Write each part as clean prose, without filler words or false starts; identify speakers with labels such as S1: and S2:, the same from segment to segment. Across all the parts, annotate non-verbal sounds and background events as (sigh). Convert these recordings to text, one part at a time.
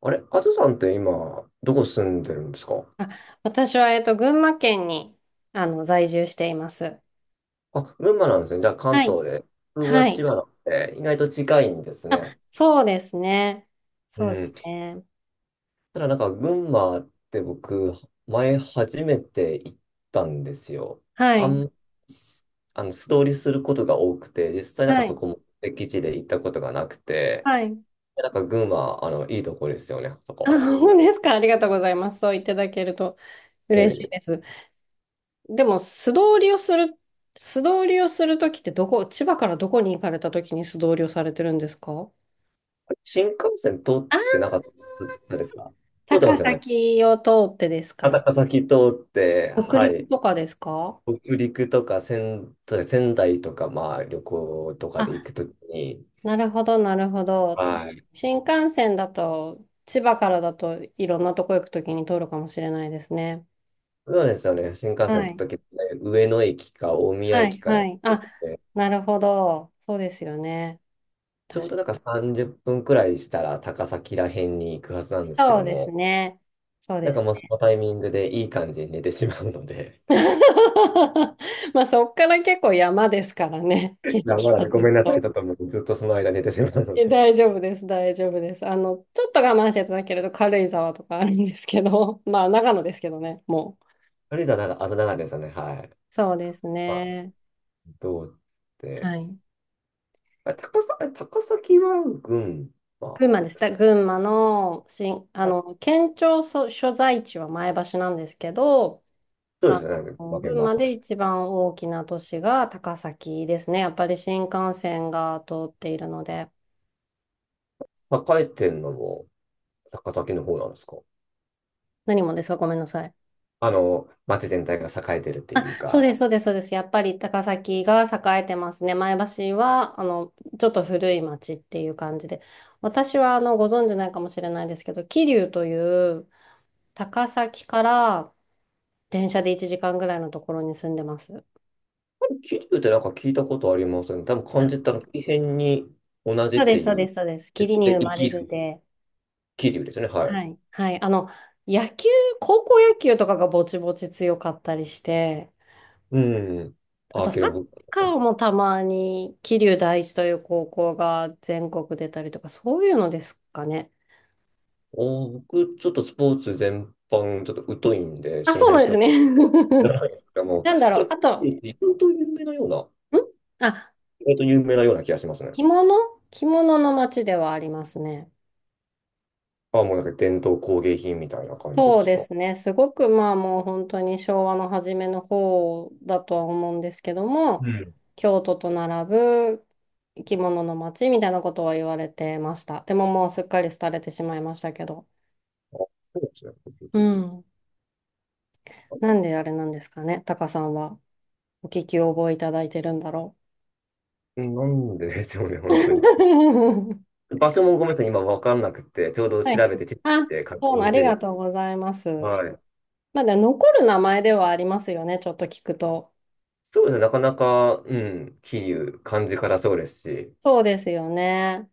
S1: あれ、あずさんって今、どこ住んでるんですか？
S2: あ、私は、群馬県に、在住しています。
S1: あ、群馬なんですね。じゃあ関
S2: はい。
S1: 東で。僕は
S2: は
S1: 千
S2: い。
S1: 葉なんで、意外と近いんです
S2: あ、
S1: ね。
S2: そうですね。
S1: う
S2: そうで
S1: ん。
S2: すね。
S1: ただ群馬って僕、前初めて行ったんですよ。
S2: は
S1: あ
S2: い。
S1: ん、素通りすることが多くて、実際
S2: は
S1: そ
S2: い。
S1: こも敵地で行ったことがなくて、
S2: はい。
S1: 群馬、いいところですよね、そこ。
S2: あ、そうですか。(laughs) ありがとうございます。そう言っていただけると
S1: うん、は
S2: 嬉しい
S1: い。
S2: です。でも、素通りをするときってどこ、千葉からどこに行かれたときに素通りをされてるんですか？
S1: 新幹線通って
S2: あ、
S1: なかったですか？通ってま
S2: 高
S1: すよね。
S2: 崎を通ってですかね。
S1: 高崎通って、
S2: 北
S1: は
S2: 陸
S1: い。
S2: とかですか？
S1: 北陸とか仙台とか、まあ旅行とかで行
S2: あ、
S1: くときに、
S2: なるほど、なるほど。
S1: はい。
S2: 新幹線だと、千葉からだといろんなとこ行くときに通るかもしれないですね。
S1: そうですよね。新幹
S2: は
S1: 線の
S2: い。
S1: 時って上野駅か大宮
S2: は
S1: 駅
S2: い、
S1: か
S2: は
S1: ら来
S2: い。
S1: る
S2: あ、
S1: んで、
S2: なるほど。そうですよね。
S1: ちょ
S2: 確
S1: う
S2: か
S1: ど
S2: に。
S1: 30分くらいしたら高崎ら辺に行くはずなんですけ
S2: そ
S1: ど
S2: うです
S1: も、
S2: ね。そうです。
S1: もうそのタイミングでいい感じに寝てしまうので、
S2: (laughs) まあ、そっから結構山ですからね。
S1: (laughs)
S2: 景
S1: いあま
S2: 色は
S1: だご
S2: ず
S1: め
S2: っ
S1: んなさい。
S2: と。
S1: ちょっともうずっとその間寝てしまうの
S2: え、
S1: で。
S2: 大丈夫です、大丈夫です。ちょっと我慢していただけると軽井沢とかあるんですけど、(laughs) まあ、長野ですけどね、もう。
S1: とりあえずは朝長いですよね。はい。
S2: そうです
S1: まあ、
S2: ね。
S1: どうって。
S2: はい。
S1: あ、高さ、あれ高崎湾郡は
S2: 群
S1: 群
S2: 馬です。だ群馬の、しん、
S1: 馬。あ、
S2: 県庁所、所在地は前橋なんですけど、
S1: そうです
S2: あ
S1: よね。負け
S2: 群
S1: もあ
S2: 馬
S1: りま
S2: で
S1: し
S2: 一番大きな都市が高崎ですね。やっぱり新幹線が通っているので。
S1: た。栄えてんのも高崎の方なんですか？
S2: 何もですか？ごめんなさい。
S1: あの、町全体が栄えてるって
S2: あ、
S1: いう
S2: そう
S1: か。
S2: です、そうです、そうです。やっぱり高崎が栄えてますね。前橋は、ちょっと古い町っていう感じで。私は、ご存知ないかもしれないですけど、桐生という高崎から電車で1時間ぐらいのところに住んでます。
S1: あれ、桐生って聞いたことありますよね。多分
S2: (laughs)
S1: 漢字っ
S2: あ、
S1: てあの、異変に同じ
S2: そ
S1: っ
S2: うで
S1: て
S2: す、
S1: い
S2: そうで
S1: う。
S2: す、そうです。
S1: で、
S2: 霧に
S1: で
S2: 生
S1: 生
S2: まれ
S1: き
S2: る
S1: る
S2: で。
S1: 桐生ですね。はい。
S2: はい。はい。あの、野球、高校野球とかがぼちぼち強かったりして、
S1: うん。
S2: あと
S1: あ、
S2: サッ
S1: けど、
S2: カーもたまに桐生第一という高校が全国出たりとか、そういうのですかね。
S1: お、僕、ちょっとスポーツ全般、ちょっと疎いんで、
S2: あ、
S1: その
S2: そうな
S1: 辺
S2: んで
S1: 知
S2: すね。
S1: らないですけど
S2: (laughs)
S1: も、
S2: なんだ
S1: そ
S2: ろ
S1: れ
S2: う。
S1: は、
S2: あと、ん、
S1: 桐生って
S2: あ、
S1: 意外と有名なような気がしますね。
S2: 着物、着物の街ではありますね。
S1: あ、もう伝統工芸品みたいな感じで
S2: そう
S1: す
S2: で
S1: か。あ、
S2: すね。すごくまあもう本当に昭和の初めの方だとは思うんですけども、
S1: うん。
S2: 京都と並ぶ生き物の街みたいなことは言われてました。でももうすっかり廃れてしまいましたけど。
S1: そうですね。
S2: うん。なんであれなんですかね。タカさんはお聞き覚えいただいてるんだろ
S1: なんででしょうね、本当に。
S2: う。(laughs)
S1: 場所もごめんなさい、今わかんなくて、ちょうど
S2: は
S1: 調
S2: い。
S1: べて、地図見
S2: あ、
S1: て確
S2: そうな、
S1: 認
S2: あ
S1: し
S2: り
S1: て
S2: が
S1: る。
S2: とうございます。
S1: はい。
S2: まだ残る名前ではありますよね。ちょっと聞くと。
S1: そうですね、なかなか、うん、桐生、漢字からそうですし、
S2: そうですよね。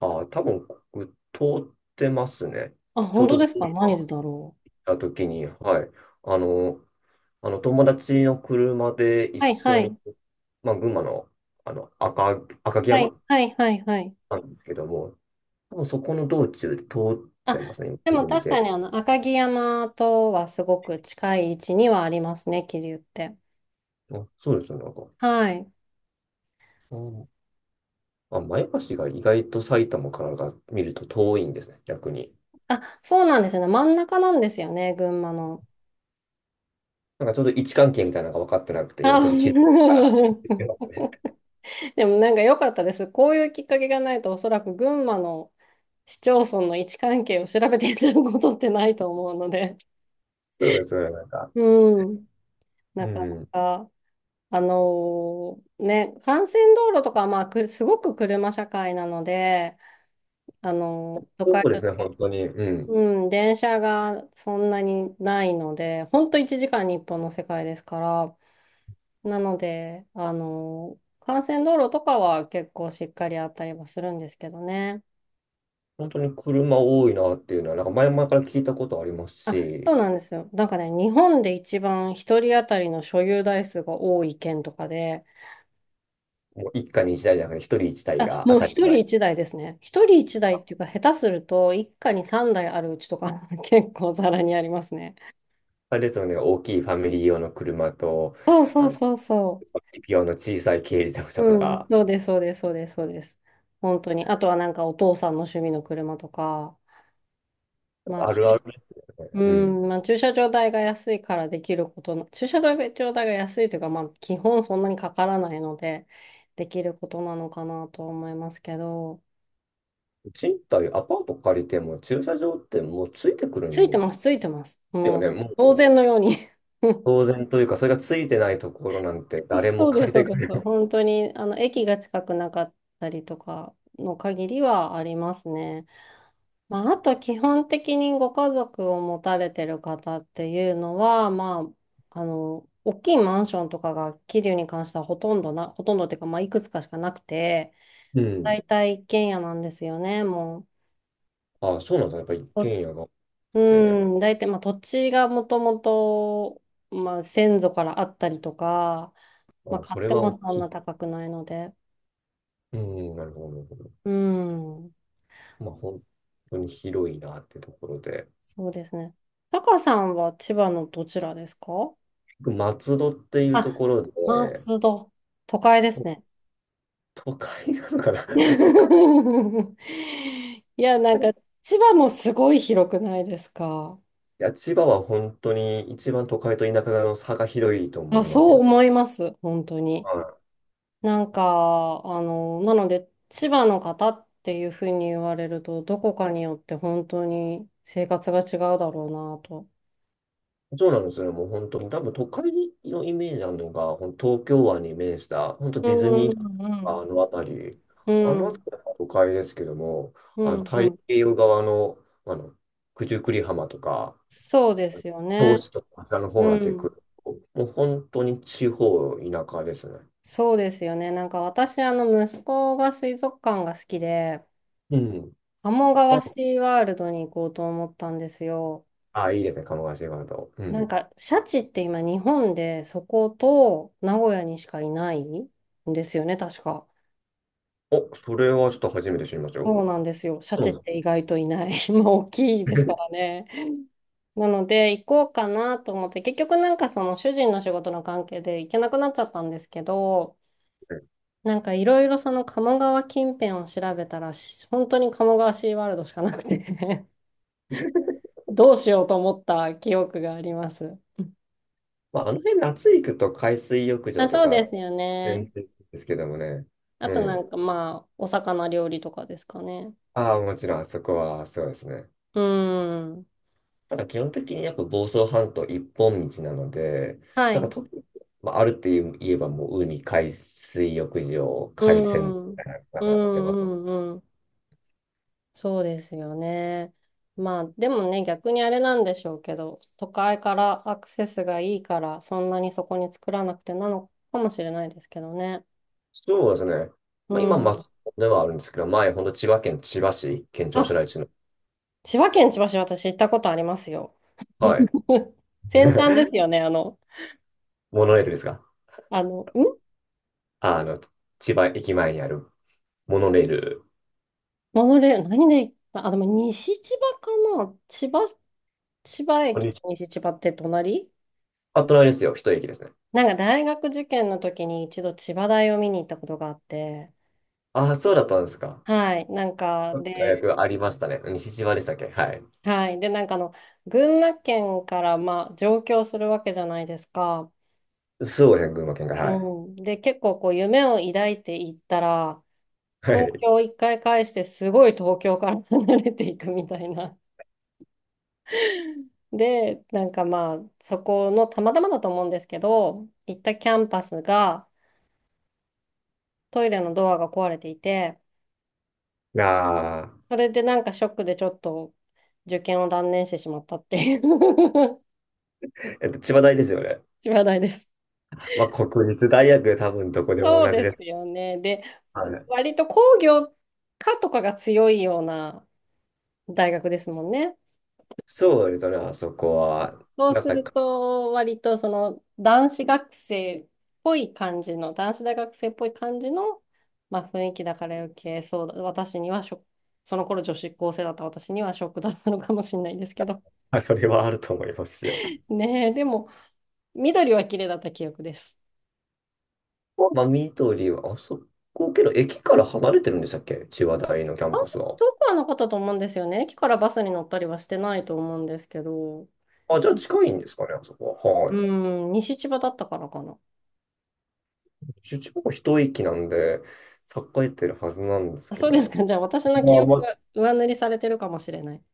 S1: ああ、多分、通ってますね。
S2: あ、
S1: ちょ
S2: 本
S1: う
S2: 当
S1: ど
S2: です
S1: 今、
S2: か？何
S1: 行っ
S2: でだろう。
S1: た時に、はい。あの、あの友達の車で一
S2: はいは
S1: 緒に、
S2: い。
S1: まあ、群馬の、あの赤、赤城
S2: はい
S1: 山
S2: はいはいはい。
S1: なんですけども、もうそこの道中で通っ
S2: あ、
S1: てますね、
S2: でも
S1: 今、見
S2: 確か
S1: て。
S2: にあの赤城山とはすごく近い位置にはありますね、桐生って。
S1: あ、そうですよ、なんか。
S2: はい。
S1: うん。あ、前橋が意外と埼玉からが見ると遠いんですね、逆に。
S2: あ、そうなんですよね。真ん中なんですよね、群馬の。
S1: ちょうど位置関係みたいなのが分かってなくて、
S2: あ、
S1: 今ちょっと地図
S2: (laughs)
S1: から (laughs) してますね。
S2: でもなんか良かったです。こういうきっかけがないと、おそらく群馬の市町村の位置関係を調べていただくことってないと思うので。
S1: そうですね、なんか。
S2: うん。
S1: う
S2: なかな
S1: ん。
S2: か。あのーね、幹線道路とかはまあくすごく車社会なので、あのー都
S1: そ
S2: 会
S1: うで
S2: と違
S1: すね、
S2: っ
S1: 本
S2: て、
S1: 当に。うん。
S2: うん、電車がそんなにないので、ほんと1時間に本の世界ですから、なので、あのー幹線道路とかは結構しっかりあったりはするんですけどね。
S1: 本当に車多いなっていうのは、前々から聞いたことあります
S2: あ、そう
S1: し、
S2: なんですよ。なんかね、日本で一番一人当たりの所有台数が多い県とかで、
S1: もう一家に一台じゃなくて、一人一台
S2: あ、
S1: が当
S2: もう
S1: たり
S2: 一人
S1: 前。
S2: 一台ですね。一人一台っていうか、下手すると、一家に三台あるうちとか (laughs) 結構ざらにありますね。
S1: あれですよね、大きいファミリー用の車と、
S2: そうそ
S1: あ
S2: う
S1: の、
S2: そうそ
S1: 一匹用の小さい軽自動車
S2: う。
S1: と
S2: うん、
S1: か、
S2: そうです、そうです、そうです、そうです。本当に。あとはなんかお父さんの趣味の車とか、まあ、
S1: あ
S2: 駐、
S1: るある。
S2: う
S1: うん。
S2: ん、まあ、駐車場代が安いからできることな、駐車場代が安いというか、まあ、基本そんなにかからないので、できることなのかなと思いますけど、
S1: 賃貸、アパート借りても駐車場ってもうついてくる
S2: ついて
S1: んだ
S2: ます、ついてます。
S1: よね。
S2: もう、
S1: も
S2: 当
S1: う
S2: 然のように。 (laughs)
S1: 当然というか、それがついてないところなんて誰
S2: (laughs)
S1: も
S2: そうで
S1: 借
S2: す、
S1: り
S2: そ
S1: て
S2: う
S1: く
S2: で
S1: れ
S2: す。
S1: ない。
S2: 本当に、駅が近くなかったりとかの限りはありますね。まあ、あと、基本的にご家族を持たれてる方っていうのは、まあ、大きいマンションとかが、桐生に関してはほとんどな、ほとんどっていうか、まあ、いくつかしかなくて、
S1: うん。
S2: 大体一軒家なんですよね、もう。
S1: ああ、そうなんだ。やっぱ一軒
S2: そ
S1: 家があっ
S2: う、
S1: て、
S2: ん、大体、まあ、土地がもともと、まあ、先祖からあったりとか、ま
S1: あ
S2: あ、
S1: あ、
S2: 買
S1: そ
S2: っ
S1: れ
S2: て
S1: は
S2: も
S1: 大
S2: そん
S1: き
S2: な
S1: い。
S2: 高くないので。
S1: うん、なるほど、なるほど。
S2: うん。
S1: まあ、本当に広いなってところで。
S2: そうですね。タカさんは千葉のどちらですか？
S1: 松戸っていう
S2: あ、
S1: ところで、
S2: 松戸。都会で
S1: も
S2: す
S1: う
S2: ね。
S1: 都会なのかな。 (laughs) 都会。
S2: (laughs) いや、なんか、千葉もすごい広くないですか？
S1: いや、千葉は本当に一番都会と田舎の差が広いと思
S2: あ、
S1: います
S2: そう
S1: よ。
S2: 思います。本当に。
S1: はい。
S2: なんか、なので、千葉の方っていうふうに言われると、どこかによって本当に生活が違うだろうなと。
S1: そうなんですよね。もう本当に、多分都会のイメージなのが、ほん東京湾に面した、本当
S2: う
S1: ディズ
S2: ん
S1: ニー
S2: う
S1: あ
S2: ん
S1: の辺り、
S2: う
S1: あ
S2: ん。
S1: の
S2: う
S1: 辺
S2: ん
S1: りは都会ですけども、
S2: う
S1: あの
S2: んう
S1: 太
S2: ん。
S1: 平洋側の、あの九十九里浜とか、
S2: そうですよ
S1: 銚
S2: ね。
S1: 子とか、あちらの方に
S2: う
S1: なってく
S2: ん。
S1: ると、もう本当に地方、田舎ですね。
S2: そうですよね。なんか私、息子が水族館が好きで、
S1: うん。
S2: 鴨川
S1: あ、
S2: シーワールドに行こうと思ったんですよ。
S1: あ、いいですね、鴨川シーワールド。う
S2: な
S1: ん。
S2: んか、シャチって今、日本でそこと名古屋にしかいないんですよね、確か。
S1: お、それはちょっと初めて知りました
S2: そう
S1: よ。
S2: なんですよ。シャチ
S1: そう
S2: っ
S1: なん
S2: て
S1: で
S2: 意外といない。(laughs) まあ、大きいですか
S1: す。
S2: らね。なので、行こうかなと思って、結局なんかその主人の仕事の関係で行けなくなっちゃったんですけど、
S1: (laughs)
S2: なんかいろいろその鴨川近辺を調べたら、し本当に鴨川シーワールドしかなくて。 (laughs) どうしようと思った記憶があります。
S1: まあ、あの辺夏行くと海水浴
S2: あ、
S1: 場と
S2: そうで
S1: か
S2: すよ
S1: 全
S2: ね。
S1: 然ですけどもね。
S2: あ
S1: う
S2: とな
S1: ん。
S2: んかまあ、お魚料理とかですかね。
S1: ああ、もちろん、あそこは、そうですね。
S2: うん。
S1: ただ、基本的にやっぱ房総半島一本道なので、
S2: はい。
S1: 特に、まあ、あるって言えば、もう、ウニ、海水浴場、
S2: う
S1: 海鮮み
S2: ん。うん
S1: たい
S2: う
S1: なのが出ます。
S2: んうん。そうですよね。まあ、でもね、逆にあれなんでしょうけど、都会からアクセスがいいから、そんなにそこに作らなくてなのかもしれないですけどね。
S1: そうですね。
S2: う
S1: まあ、今、
S2: ん。
S1: 松本ではあるんですけど、前、本当千葉県千葉市、県庁
S2: あ、
S1: 所在地の、
S2: 千葉県千葉市、私行ったことありますよ。
S1: はい、
S2: (laughs) 先端ですよね、
S1: モノレールですが、
S2: ん
S1: あの、千葉駅前にあるモノレール。
S2: モノレール、何で行った？あ、でも西千葉かな千葉、千葉
S1: こん
S2: 駅
S1: に
S2: と
S1: ち
S2: 西千葉って隣。
S1: はあ、隣ですよ、一駅ですね。
S2: なんか大学受験の時に一度千葉大を見に行ったことがあって、
S1: ああ、そうだったんですか。
S2: はい、なんか、で、
S1: 大学ありましたね。西千葉でしたっけ、はい。
S2: はい、で、なんかあの、群馬県から、まあ、上京するわけじゃないですか。
S1: そうですね、群馬県から。
S2: う
S1: はい。
S2: ん。で、結構こう、夢を抱いて行ったら、
S1: は
S2: 東
S1: い。
S2: 京一回返してすごい東京から (laughs) 離れていくみたいな。で、なんかまあそこのたまたまだと思うんですけど、行ったキャンパスがトイレのドアが壊れていて、
S1: なあ、
S2: それでなんかショックでちょっと受験を断念してしまったっていう (laughs)
S1: えっと、千葉大ですよね。
S2: 話題です。
S1: まあ、国立大学、多分どこでも
S2: そう
S1: 同じ
S2: で
S1: で
S2: す
S1: す。
S2: よね。で、
S1: はい。
S2: 割と工業科とかが強いような大学ですもんね。
S1: そうですね、あそこは。
S2: そう
S1: なん
S2: する
S1: か、
S2: と、割とその男子学生っぽい感じの、男子大学生っぽい感じの、まあ、雰囲気だから余計そうだ、私にはショック、その頃女子高生だった私にはショックだったのかもしれないですけど。
S1: はい、それはあると思いますよ。
S2: (laughs) ねえ、でも、緑は綺麗だった記憶です。
S1: まあ、緑は、あそこけど、駅から離れてるんでしたっけ、千葉大のキャ
S2: あ
S1: ン
S2: んま
S1: パス
S2: り
S1: は。
S2: 遠くはなかったと思うんですよね。駅からバスに乗ったりはしてないと思うんですけど、
S1: あ、じゃあ近いんですかね、あそこは。は
S2: う
S1: い。
S2: ん、西千葉だったからかな。
S1: 千葉は一駅なんで、栄えてるはずなんです
S2: あ、
S1: け
S2: そう
S1: ど
S2: です
S1: ね。
S2: か。じゃあ私の記
S1: まあ、ま
S2: 憶
S1: あ
S2: が上塗りされてるかもしれない。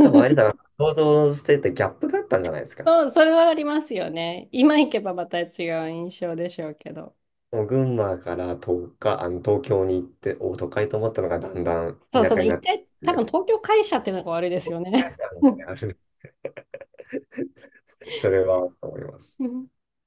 S1: 多分、有田が想像しててギャップがあったんじゃないですか。
S2: そう、それはありますよね。今行けばまた違う印象でしょうけど。
S1: もう群馬から東か、あの東京に行って、お、都会と思ったのがだんだん
S2: そう、
S1: 田
S2: そ
S1: 舎
S2: の
S1: にな
S2: 一
S1: ってっ
S2: 回、
S1: て
S2: 多
S1: い
S2: 分
S1: う。
S2: 東京会社っていうのが悪いですよね。(laughs)
S1: あるんでそれは思います。